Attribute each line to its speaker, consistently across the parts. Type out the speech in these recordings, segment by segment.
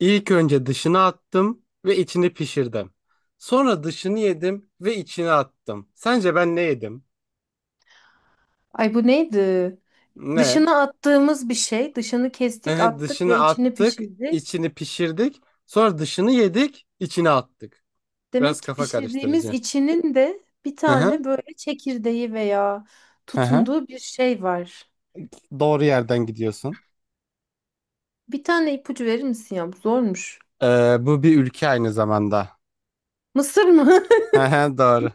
Speaker 1: İlk önce dışını attım ve içini pişirdim. Sonra dışını yedim ve içini attım. Sence ben ne yedim?
Speaker 2: Ay bu neydi?
Speaker 1: Ne?
Speaker 2: Dışına attığımız bir şey. Dışını kestik, attık
Speaker 1: Dışını
Speaker 2: ve içini
Speaker 1: attık,
Speaker 2: pişirdik.
Speaker 1: içini pişirdik. Sonra dışını yedik, içine attık. Biraz
Speaker 2: Demek ki
Speaker 1: kafa
Speaker 2: pişirdiğimiz
Speaker 1: karıştırıcı.
Speaker 2: içinin de bir
Speaker 1: Hı hı.
Speaker 2: tane böyle çekirdeği veya
Speaker 1: Hı hı.
Speaker 2: tutunduğu bir şey var.
Speaker 1: Doğru yerden gidiyorsun.
Speaker 2: Bir tane ipucu verir misin ya? Bu zormuş.
Speaker 1: Bu bir ülke aynı zamanda.
Speaker 2: Mısır mı?
Speaker 1: Hı hı, doğru.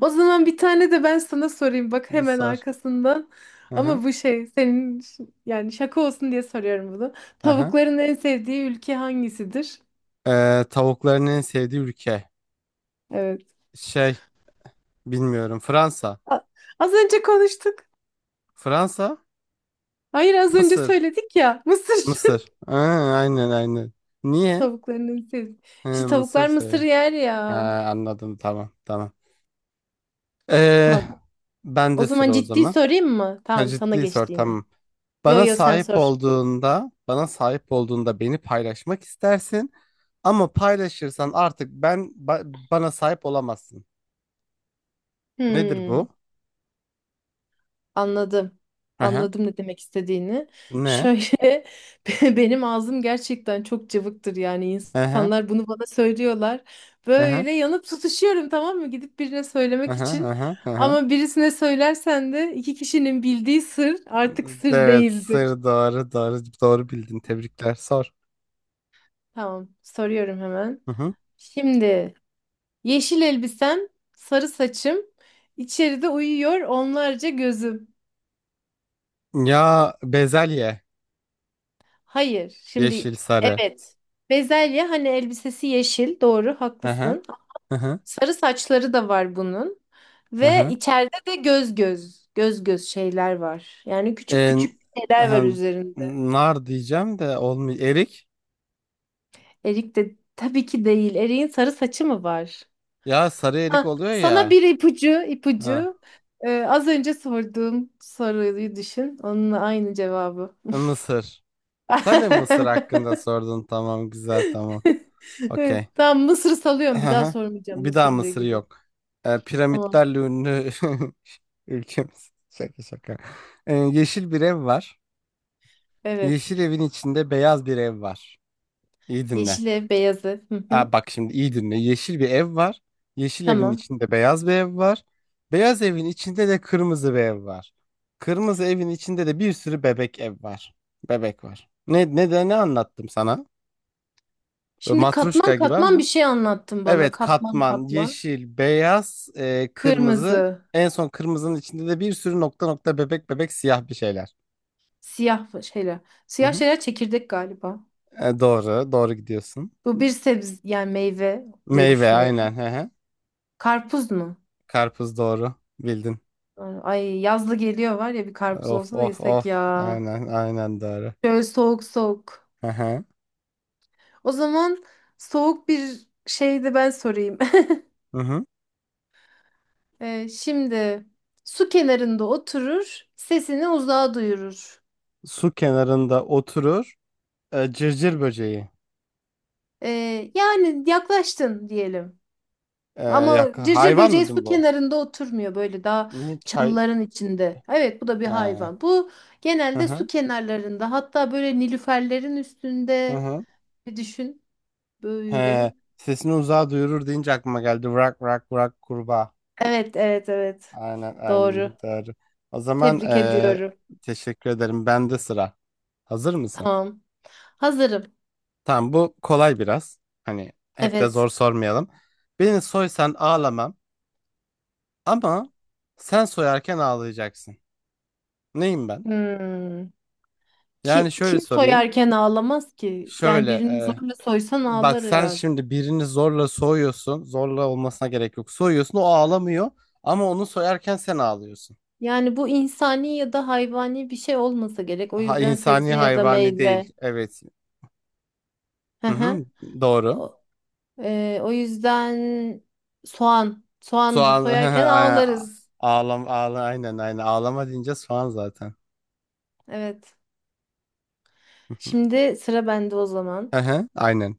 Speaker 2: O zaman bir tane de ben sana sorayım. Bak hemen
Speaker 1: Sor.
Speaker 2: arkasından.
Speaker 1: Hı hı.
Speaker 2: Ama bu şey senin yani şaka olsun diye soruyorum bunu.
Speaker 1: Hı hı.
Speaker 2: Tavukların en sevdiği ülke hangisidir?
Speaker 1: Tavukların en sevdiği ülke.
Speaker 2: Evet.
Speaker 1: Şey, bilmiyorum. Fransa.
Speaker 2: A- Az önce konuştuk.
Speaker 1: Fransa?
Speaker 2: Hayır az önce
Speaker 1: Mısır.
Speaker 2: söyledik ya. Mısır.
Speaker 1: Mısır. Aynen aynen. Niye?
Speaker 2: Tavuklarının sesi.
Speaker 1: He,
Speaker 2: İşte
Speaker 1: Mısır
Speaker 2: tavuklar mısır
Speaker 1: seviyor.
Speaker 2: yer
Speaker 1: Ha,
Speaker 2: ya.
Speaker 1: anladım tamam tamam. Ee,
Speaker 2: Tamam.
Speaker 1: ben
Speaker 2: O
Speaker 1: de
Speaker 2: zaman
Speaker 1: sıra o
Speaker 2: ciddi
Speaker 1: zaman.
Speaker 2: sorayım mı?
Speaker 1: Ha,
Speaker 2: Tamam sana
Speaker 1: ciddi sor
Speaker 2: geçti yine.
Speaker 1: tamam.
Speaker 2: Yo
Speaker 1: Bana
Speaker 2: yo sen
Speaker 1: sahip
Speaker 2: sor.
Speaker 1: olduğunda, beni paylaşmak istersin. Ama paylaşırsan artık ben ba- bana sahip olamazsın. Nedir
Speaker 2: Hmm,
Speaker 1: bu?
Speaker 2: anladım.
Speaker 1: Hı.
Speaker 2: Anladım ne demek istediğini.
Speaker 1: Ne?
Speaker 2: Şöyle benim ağzım gerçekten çok cıvıktır, yani
Speaker 1: Hı hı.
Speaker 2: insanlar bunu bana söylüyorlar.
Speaker 1: Hı hı.
Speaker 2: Böyle yanıp tutuşuyorum, tamam mı? Gidip birine söylemek için.
Speaker 1: Hı.
Speaker 2: Ama birisine söylersen de iki kişinin bildiği sır artık sır
Speaker 1: Evet,
Speaker 2: değildir.
Speaker 1: sır doğru doğru doğru bildin. Tebrikler. Sor.
Speaker 2: Tamam, soruyorum hemen.
Speaker 1: Hı hı.
Speaker 2: Şimdi yeşil elbisem, sarı saçım, içeride uyuyor onlarca gözüm.
Speaker 1: Ya bezelye.
Speaker 2: Hayır, şimdi
Speaker 1: Yeşil, sarı.
Speaker 2: evet. Bezelye hani elbisesi yeşil, doğru,
Speaker 1: Hı hı.
Speaker 2: haklısın.
Speaker 1: Hı hı.
Speaker 2: Sarı saçları da var bunun
Speaker 1: Hı
Speaker 2: ve
Speaker 1: hı.
Speaker 2: içeride de göz göz, göz göz şeyler var. Yani küçük
Speaker 1: E,
Speaker 2: küçük şeyler var
Speaker 1: hem
Speaker 2: üzerinde.
Speaker 1: nar diyeceğim de olmuyor. Erik.
Speaker 2: Erik de tabii ki değil. Erik'in sarı saçı mı var?
Speaker 1: Ya sarı erik
Speaker 2: Ha,
Speaker 1: oluyor
Speaker 2: sana
Speaker 1: ya.
Speaker 2: bir ipucu,
Speaker 1: Ha.
Speaker 2: ipucu. Az önce sorduğum soruyu düşün. Onunla aynı cevabı.
Speaker 1: Mısır. Sen de Mısır hakkında sordun. Tamam güzel tamam.
Speaker 2: Evet,
Speaker 1: Okey.
Speaker 2: tamam Mısır
Speaker 1: Hı
Speaker 2: salıyorum. Bir daha
Speaker 1: hı.
Speaker 2: sormayacağım
Speaker 1: Bir daha
Speaker 2: Mısırlı
Speaker 1: Mısır
Speaker 2: gibi.
Speaker 1: yok.
Speaker 2: Tamam.
Speaker 1: Piramitlerle ünlü ülkemiz. Şaka şaka. Yeşil bir ev var.
Speaker 2: Evet.
Speaker 1: Yeşil evin içinde beyaz bir ev var. İyi dinle.
Speaker 2: Yeşil ev, beyaz ev. Hı hı.
Speaker 1: Bak şimdi iyi dinle. Yeşil bir ev var. Yeşil evin
Speaker 2: Tamam.
Speaker 1: içinde beyaz bir ev var. Beyaz evin içinde de kırmızı bir ev var. Kırmızı evin içinde de bir sürü bebek ev var. Bebek var. Ne anlattım sana? Böyle
Speaker 2: Şimdi katman
Speaker 1: Matruşka gibi
Speaker 2: katman bir
Speaker 1: ama.
Speaker 2: şey anlattın bana.
Speaker 1: Evet,
Speaker 2: Katman
Speaker 1: katman,
Speaker 2: katman.
Speaker 1: yeşil, beyaz, kırmızı.
Speaker 2: Kırmızı,
Speaker 1: En son kırmızının içinde de bir sürü nokta nokta bebek bebek siyah bir şeyler.
Speaker 2: siyah şeyler.
Speaker 1: Hı
Speaker 2: Siyah
Speaker 1: hı.
Speaker 2: şeyler çekirdek galiba.
Speaker 1: Doğru, doğru gidiyorsun.
Speaker 2: Bu bir sebze yani meyve diye
Speaker 1: Meyve
Speaker 2: düşünüyorum.
Speaker 1: aynen. Hı hı.
Speaker 2: Karpuz mu?
Speaker 1: Karpuz doğru. Bildin.
Speaker 2: Ay yazlı geliyor var ya, bir karpuz
Speaker 1: Of
Speaker 2: olsa da
Speaker 1: of
Speaker 2: yesek
Speaker 1: of.
Speaker 2: ya.
Speaker 1: Aynen aynen Darı.
Speaker 2: Şöyle soğuk soğuk.
Speaker 1: Hı hı.
Speaker 2: O zaman soğuk bir şey de ben sorayım.
Speaker 1: Hı hı.
Speaker 2: Şimdi su kenarında oturur, sesini uzağa duyurur.
Speaker 1: Su kenarında oturur. Cırcır böceği.
Speaker 2: Yani yaklaştın diyelim. Ama
Speaker 1: Yak
Speaker 2: cırcır
Speaker 1: hayvan
Speaker 2: böceği
Speaker 1: mıydı
Speaker 2: su
Speaker 1: bu?
Speaker 2: kenarında oturmuyor, böyle daha
Speaker 1: Ne çay?
Speaker 2: çalıların içinde. Evet bu da bir
Speaker 1: Ha.
Speaker 2: hayvan. Bu
Speaker 1: Hı
Speaker 2: genelde su
Speaker 1: hı.
Speaker 2: kenarlarında, hatta böyle nilüferlerin
Speaker 1: Hı
Speaker 2: üstünde
Speaker 1: hı.
Speaker 2: bir düşün
Speaker 1: He.
Speaker 2: böyle.
Speaker 1: Sesini uzağa duyurur deyince aklıma geldi. Vrak vrak vrak kurbağa.
Speaker 2: Evet, evet, evet.
Speaker 1: Aynen
Speaker 2: Doğru.
Speaker 1: aynen Darı. O zaman
Speaker 2: Tebrik ediyorum.
Speaker 1: teşekkür ederim. Bende sıra. Hazır mısın?
Speaker 2: Tamam. Hazırım.
Speaker 1: Tamam bu kolay biraz. Hani hep de
Speaker 2: Evet.
Speaker 1: zor sormayalım. Beni soysan ağlamam. Ama sen soyarken ağlayacaksın. Neyim ben?
Speaker 2: Hmm.
Speaker 1: Yani şöyle
Speaker 2: Kim
Speaker 1: sorayım.
Speaker 2: soyarken ağlamaz ki? Yani
Speaker 1: Şöyle
Speaker 2: birini
Speaker 1: e,
Speaker 2: zorla soysan
Speaker 1: bak
Speaker 2: ağlar
Speaker 1: sen
Speaker 2: herhalde.
Speaker 1: şimdi birini zorla soyuyorsun. Zorla olmasına gerek yok. Soyuyorsun o ağlamıyor. Ama onu soyarken sen ağlıyorsun.
Speaker 2: Yani bu insani ya da hayvani bir şey olmasa gerek. O
Speaker 1: Ha,
Speaker 2: yüzden
Speaker 1: insani
Speaker 2: sebze ya da
Speaker 1: hayvani değil.
Speaker 2: meyve.
Speaker 1: Evet.
Speaker 2: Hı
Speaker 1: Hı hı,
Speaker 2: hı.
Speaker 1: doğru.
Speaker 2: O, o yüzden soğan. Soğan
Speaker 1: Soğan
Speaker 2: soyarken ağlarız.
Speaker 1: ağlam ağla aynen aynen ağlama deyince soğan zaten.
Speaker 2: Evet. Şimdi sıra bende o
Speaker 1: Hı
Speaker 2: zaman.
Speaker 1: hı, aynen.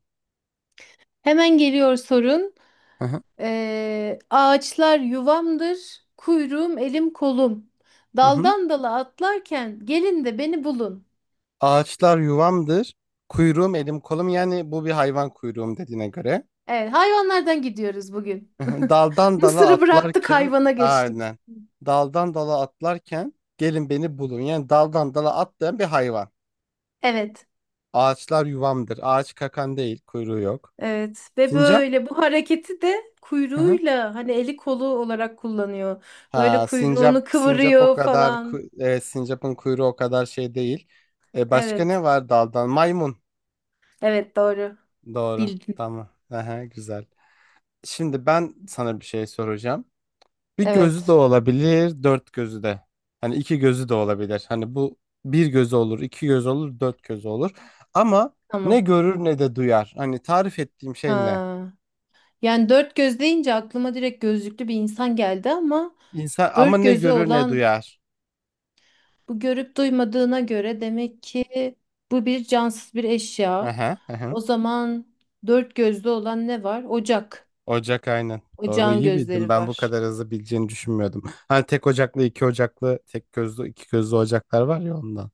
Speaker 2: Hemen geliyor sorun.
Speaker 1: Hı hı,
Speaker 2: Ağaçlar yuvamdır, kuyruğum elim kolum.
Speaker 1: hı hı.
Speaker 2: Daldan dala atlarken gelin de beni bulun.
Speaker 1: Ağaçlar yuvamdır. Kuyruğum elim kolum yani bu bir hayvan kuyruğum dediğine göre.
Speaker 2: Evet, hayvanlardan gidiyoruz bugün.
Speaker 1: Daldan dala
Speaker 2: Mısır'ı bıraktık,
Speaker 1: atlarken
Speaker 2: hayvana geçtik.
Speaker 1: aynen. Daldan dala atlarken gelin beni bulun. Yani daldan dala atlayan bir hayvan.
Speaker 2: Evet,
Speaker 1: Ağaçlar yuvamdır. Ağaç kakan değil. Kuyruğu yok.
Speaker 2: evet ve
Speaker 1: Sincap?
Speaker 2: böyle bu hareketi de
Speaker 1: Hı hı.
Speaker 2: kuyruğuyla hani eli kolu olarak kullanıyor. Böyle
Speaker 1: Ha, sincap
Speaker 2: kuyruğunu
Speaker 1: sincap o
Speaker 2: kıvırıyor
Speaker 1: kadar
Speaker 2: falan.
Speaker 1: sincapın kuyruğu o kadar şey değil. Başka ne
Speaker 2: Evet,
Speaker 1: var daldan? Maymun.
Speaker 2: evet doğru.
Speaker 1: Doğru.
Speaker 2: Bildin.
Speaker 1: Tamam. Aha, güzel. Şimdi ben sana bir şey soracağım. Bir gözü de
Speaker 2: Evet,
Speaker 1: olabilir, dört gözü de. Hani iki gözü de olabilir. Hani bu bir gözü olur, iki göz olur, dört gözü olur. Ama ne
Speaker 2: tamam.
Speaker 1: görür ne de duyar. Hani tarif ettiğim şey ne?
Speaker 2: Ha. Yani dört göz deyince aklıma direkt gözlüklü bir insan geldi, ama
Speaker 1: İnsan ama
Speaker 2: dört
Speaker 1: ne
Speaker 2: gözü
Speaker 1: görür ne
Speaker 2: olan
Speaker 1: duyar.
Speaker 2: bu görüp duymadığına göre demek ki bu bir cansız bir eşya.
Speaker 1: Aha, aha.
Speaker 2: O zaman dört gözlü olan ne var? Ocak.
Speaker 1: Ocak aynen. Doğru
Speaker 2: Ocağın
Speaker 1: iyi bildim.
Speaker 2: gözleri
Speaker 1: Ben bu
Speaker 2: var.
Speaker 1: kadar hızlı bileceğini düşünmüyordum. Hani tek ocaklı, iki ocaklı, tek gözlü, iki gözlü ocaklar var ya ondan.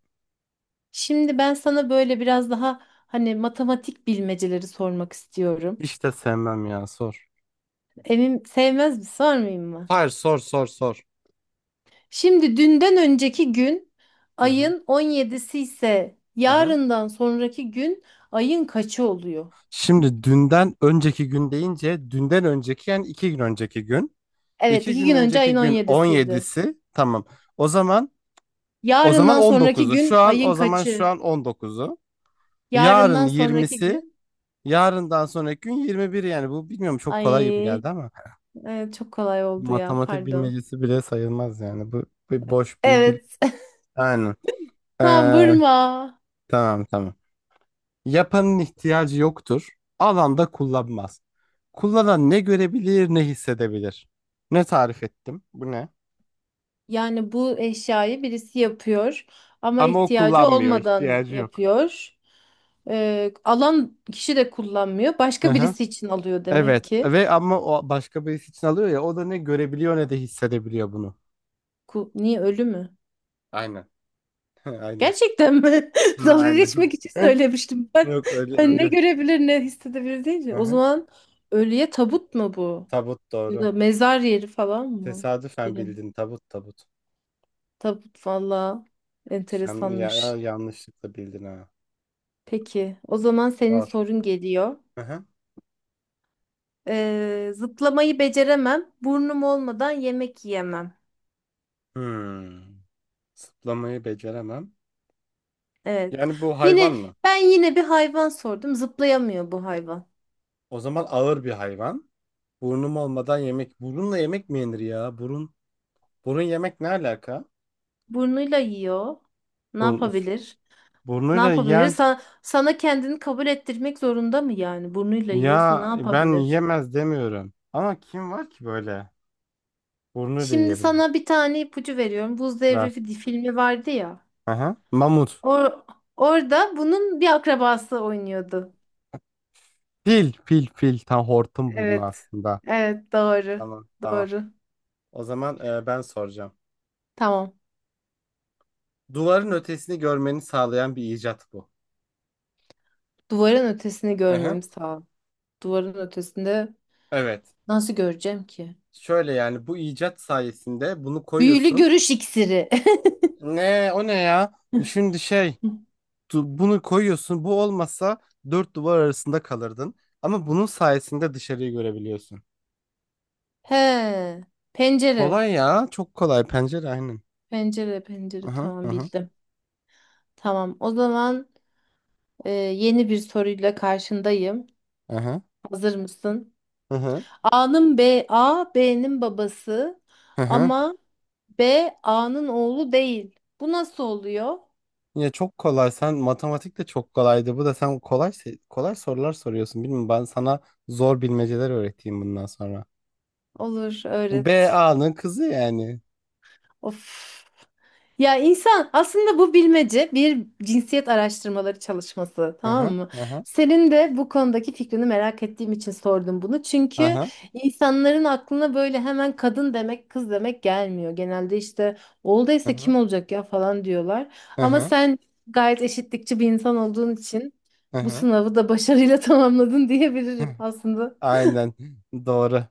Speaker 2: Şimdi ben sana böyle biraz daha hani matematik bilmeceleri sormak istiyorum.
Speaker 1: Hiç de sevmem ya sor.
Speaker 2: Emin sevmez mi? Sormayayım mı?
Speaker 1: Hayır sor sor.
Speaker 2: Şimdi dünden önceki gün
Speaker 1: Hı hı.
Speaker 2: ayın on yedisi ise
Speaker 1: Aha.
Speaker 2: yarından sonraki gün ayın kaçı oluyor?
Speaker 1: Şimdi dünden önceki gün deyince dünden önceki yani iki gün önceki gün.
Speaker 2: Evet,
Speaker 1: İki
Speaker 2: iki
Speaker 1: gün
Speaker 2: gün önce ayın
Speaker 1: önceki
Speaker 2: on
Speaker 1: gün
Speaker 2: yedisiydi.
Speaker 1: 17'si tamam. O zaman o zaman
Speaker 2: Yarından sonraki
Speaker 1: 19'u.
Speaker 2: gün ayın
Speaker 1: Şu
Speaker 2: kaçı?
Speaker 1: an 19'u. Yarın
Speaker 2: Yarından sonraki
Speaker 1: 20'si.
Speaker 2: gün
Speaker 1: Yarından sonraki gün 21 yani bu bilmiyorum çok kolay gibi
Speaker 2: ay
Speaker 1: geldi ama
Speaker 2: evet, çok kolay oldu ya,
Speaker 1: matematik
Speaker 2: pardon.
Speaker 1: bilmecesi bile sayılmaz yani bu bir boş bir bil
Speaker 2: Evet.
Speaker 1: yani.
Speaker 2: Tam
Speaker 1: Ee,
Speaker 2: vurma.
Speaker 1: tamam. Yapanın ihtiyacı yoktur. Alan da kullanmaz. Kullanan ne görebilir ne hissedebilir. Ne tarif ettim? Bu ne?
Speaker 2: Yani bu eşyayı birisi yapıyor ama
Speaker 1: Ama o
Speaker 2: ihtiyacı
Speaker 1: kullanmıyor,
Speaker 2: olmadan
Speaker 1: ihtiyacı yok.
Speaker 2: yapıyor. Alan kişi de kullanmıyor.
Speaker 1: Hı
Speaker 2: Başka
Speaker 1: hı.
Speaker 2: birisi için alıyor demek
Speaker 1: Evet
Speaker 2: ki.
Speaker 1: ve ama o başka birisi için alıyor ya o da ne görebiliyor ne de hissedebiliyor bunu.
Speaker 2: Niye, ölü mü?
Speaker 1: Aynen. Aynen.
Speaker 2: Gerçekten mi?
Speaker 1: Hı,
Speaker 2: Dalga
Speaker 1: aynen.
Speaker 2: geçmek için söylemiştim ben.
Speaker 1: Yok öyle
Speaker 2: Hani ne
Speaker 1: öyle.
Speaker 2: görebilir ne hissedebilir
Speaker 1: Hı
Speaker 2: deyince. O
Speaker 1: hı.
Speaker 2: zaman ölüye tabut mu bu?
Speaker 1: Tabut
Speaker 2: Ya
Speaker 1: doğru.
Speaker 2: da mezar yeri falan mı?
Speaker 1: Tesadüfen
Speaker 2: Bilmiyorum.
Speaker 1: bildin tabut.
Speaker 2: Tabut valla enteresanmış.
Speaker 1: Yanlışlıkla bildin ha.
Speaker 2: Peki o zaman senin
Speaker 1: Var.
Speaker 2: sorun geliyor.
Speaker 1: Hı hı.
Speaker 2: Zıplamayı beceremem. Burnum olmadan yemek yiyemem.
Speaker 1: Hmm. Zıplamayı beceremem.
Speaker 2: Evet.
Speaker 1: Yani bu hayvan
Speaker 2: Yine
Speaker 1: mı?
Speaker 2: ben yine bir hayvan sordum. Zıplayamıyor bu hayvan.
Speaker 1: O zaman ağır bir hayvan. Burnum olmadan yemek. Burunla yemek mi yenir ya? Burun. Burun yemek ne alaka?
Speaker 2: Burnuyla yiyor. Ne
Speaker 1: Burun. Üf.
Speaker 2: yapabilir? Ne
Speaker 1: Burnuyla
Speaker 2: yapabilir?
Speaker 1: yiyen.
Speaker 2: Sana kendini kabul ettirmek zorunda mı yani? Burnuyla yiyorsa ne
Speaker 1: Ya ben
Speaker 2: yapabilir?
Speaker 1: yemez demiyorum. Ama kim var ki böyle? Burnuyla
Speaker 2: Şimdi
Speaker 1: yiyebilir.
Speaker 2: sana bir tane ipucu veriyorum. Buz Devri
Speaker 1: Ver.
Speaker 2: filmi vardı ya.
Speaker 1: Aha. Mamut.
Speaker 2: Or orada bunun bir akrabası oynuyordu.
Speaker 1: Fil. Fil. Fil. Tam hortum burnu
Speaker 2: Evet.
Speaker 1: aslında.
Speaker 2: Evet doğru.
Speaker 1: Tamam. Tamam.
Speaker 2: Doğru.
Speaker 1: O zaman ben soracağım.
Speaker 2: Tamam.
Speaker 1: Duvarın ötesini görmeni sağlayan bir icat bu.
Speaker 2: Duvarın ötesini
Speaker 1: Aha.
Speaker 2: görmemiz lazım. Duvarın ötesinde
Speaker 1: Evet.
Speaker 2: nasıl göreceğim ki?
Speaker 1: Şöyle yani bu icat sayesinde bunu
Speaker 2: Büyülü
Speaker 1: koyuyorsun.
Speaker 2: görüş iksiri.
Speaker 1: Ne o ne ya? Bunu koyuyorsun bu olmasa dört duvar arasında kalırdın. Ama bunun sayesinde dışarıyı görebiliyorsun.
Speaker 2: He. Pencere.
Speaker 1: Kolay ya çok kolay pencere aynen.
Speaker 2: Pencere, pencere.
Speaker 1: Aha
Speaker 2: Tamam
Speaker 1: aha
Speaker 2: bildim. Tamam. O zaman yeni bir soruyla karşındayım.
Speaker 1: aha
Speaker 2: Hazır mısın?
Speaker 1: aha
Speaker 2: A B'nin babası
Speaker 1: aha.
Speaker 2: ama B A'nın oğlu değil. Bu nasıl oluyor?
Speaker 1: Ya çok kolay sen matematik de çok kolaydı. Bu da sen kolay sorular soruyorsun. Bilmiyorum ben sana zor bilmeceler öğreteyim bundan sonra.
Speaker 2: Olur, öğret.
Speaker 1: BA'nın kızı yani.
Speaker 2: Of. Ya insan, aslında bu bilmece bir cinsiyet araştırmaları çalışması,
Speaker 1: Aha
Speaker 2: tamam mı?
Speaker 1: aha
Speaker 2: Senin de bu konudaki fikrini merak ettiğim için sordum bunu. Çünkü
Speaker 1: aha
Speaker 2: insanların aklına böyle hemen kadın demek, kız demek gelmiyor. Genelde işte olduysa
Speaker 1: aha
Speaker 2: kim olacak ya falan diyorlar. Ama
Speaker 1: aha
Speaker 2: sen gayet eşitlikçi bir insan olduğun için bu
Speaker 1: aha.
Speaker 2: sınavı da başarıyla tamamladın diyebilirim aslında.
Speaker 1: Aynen doğru.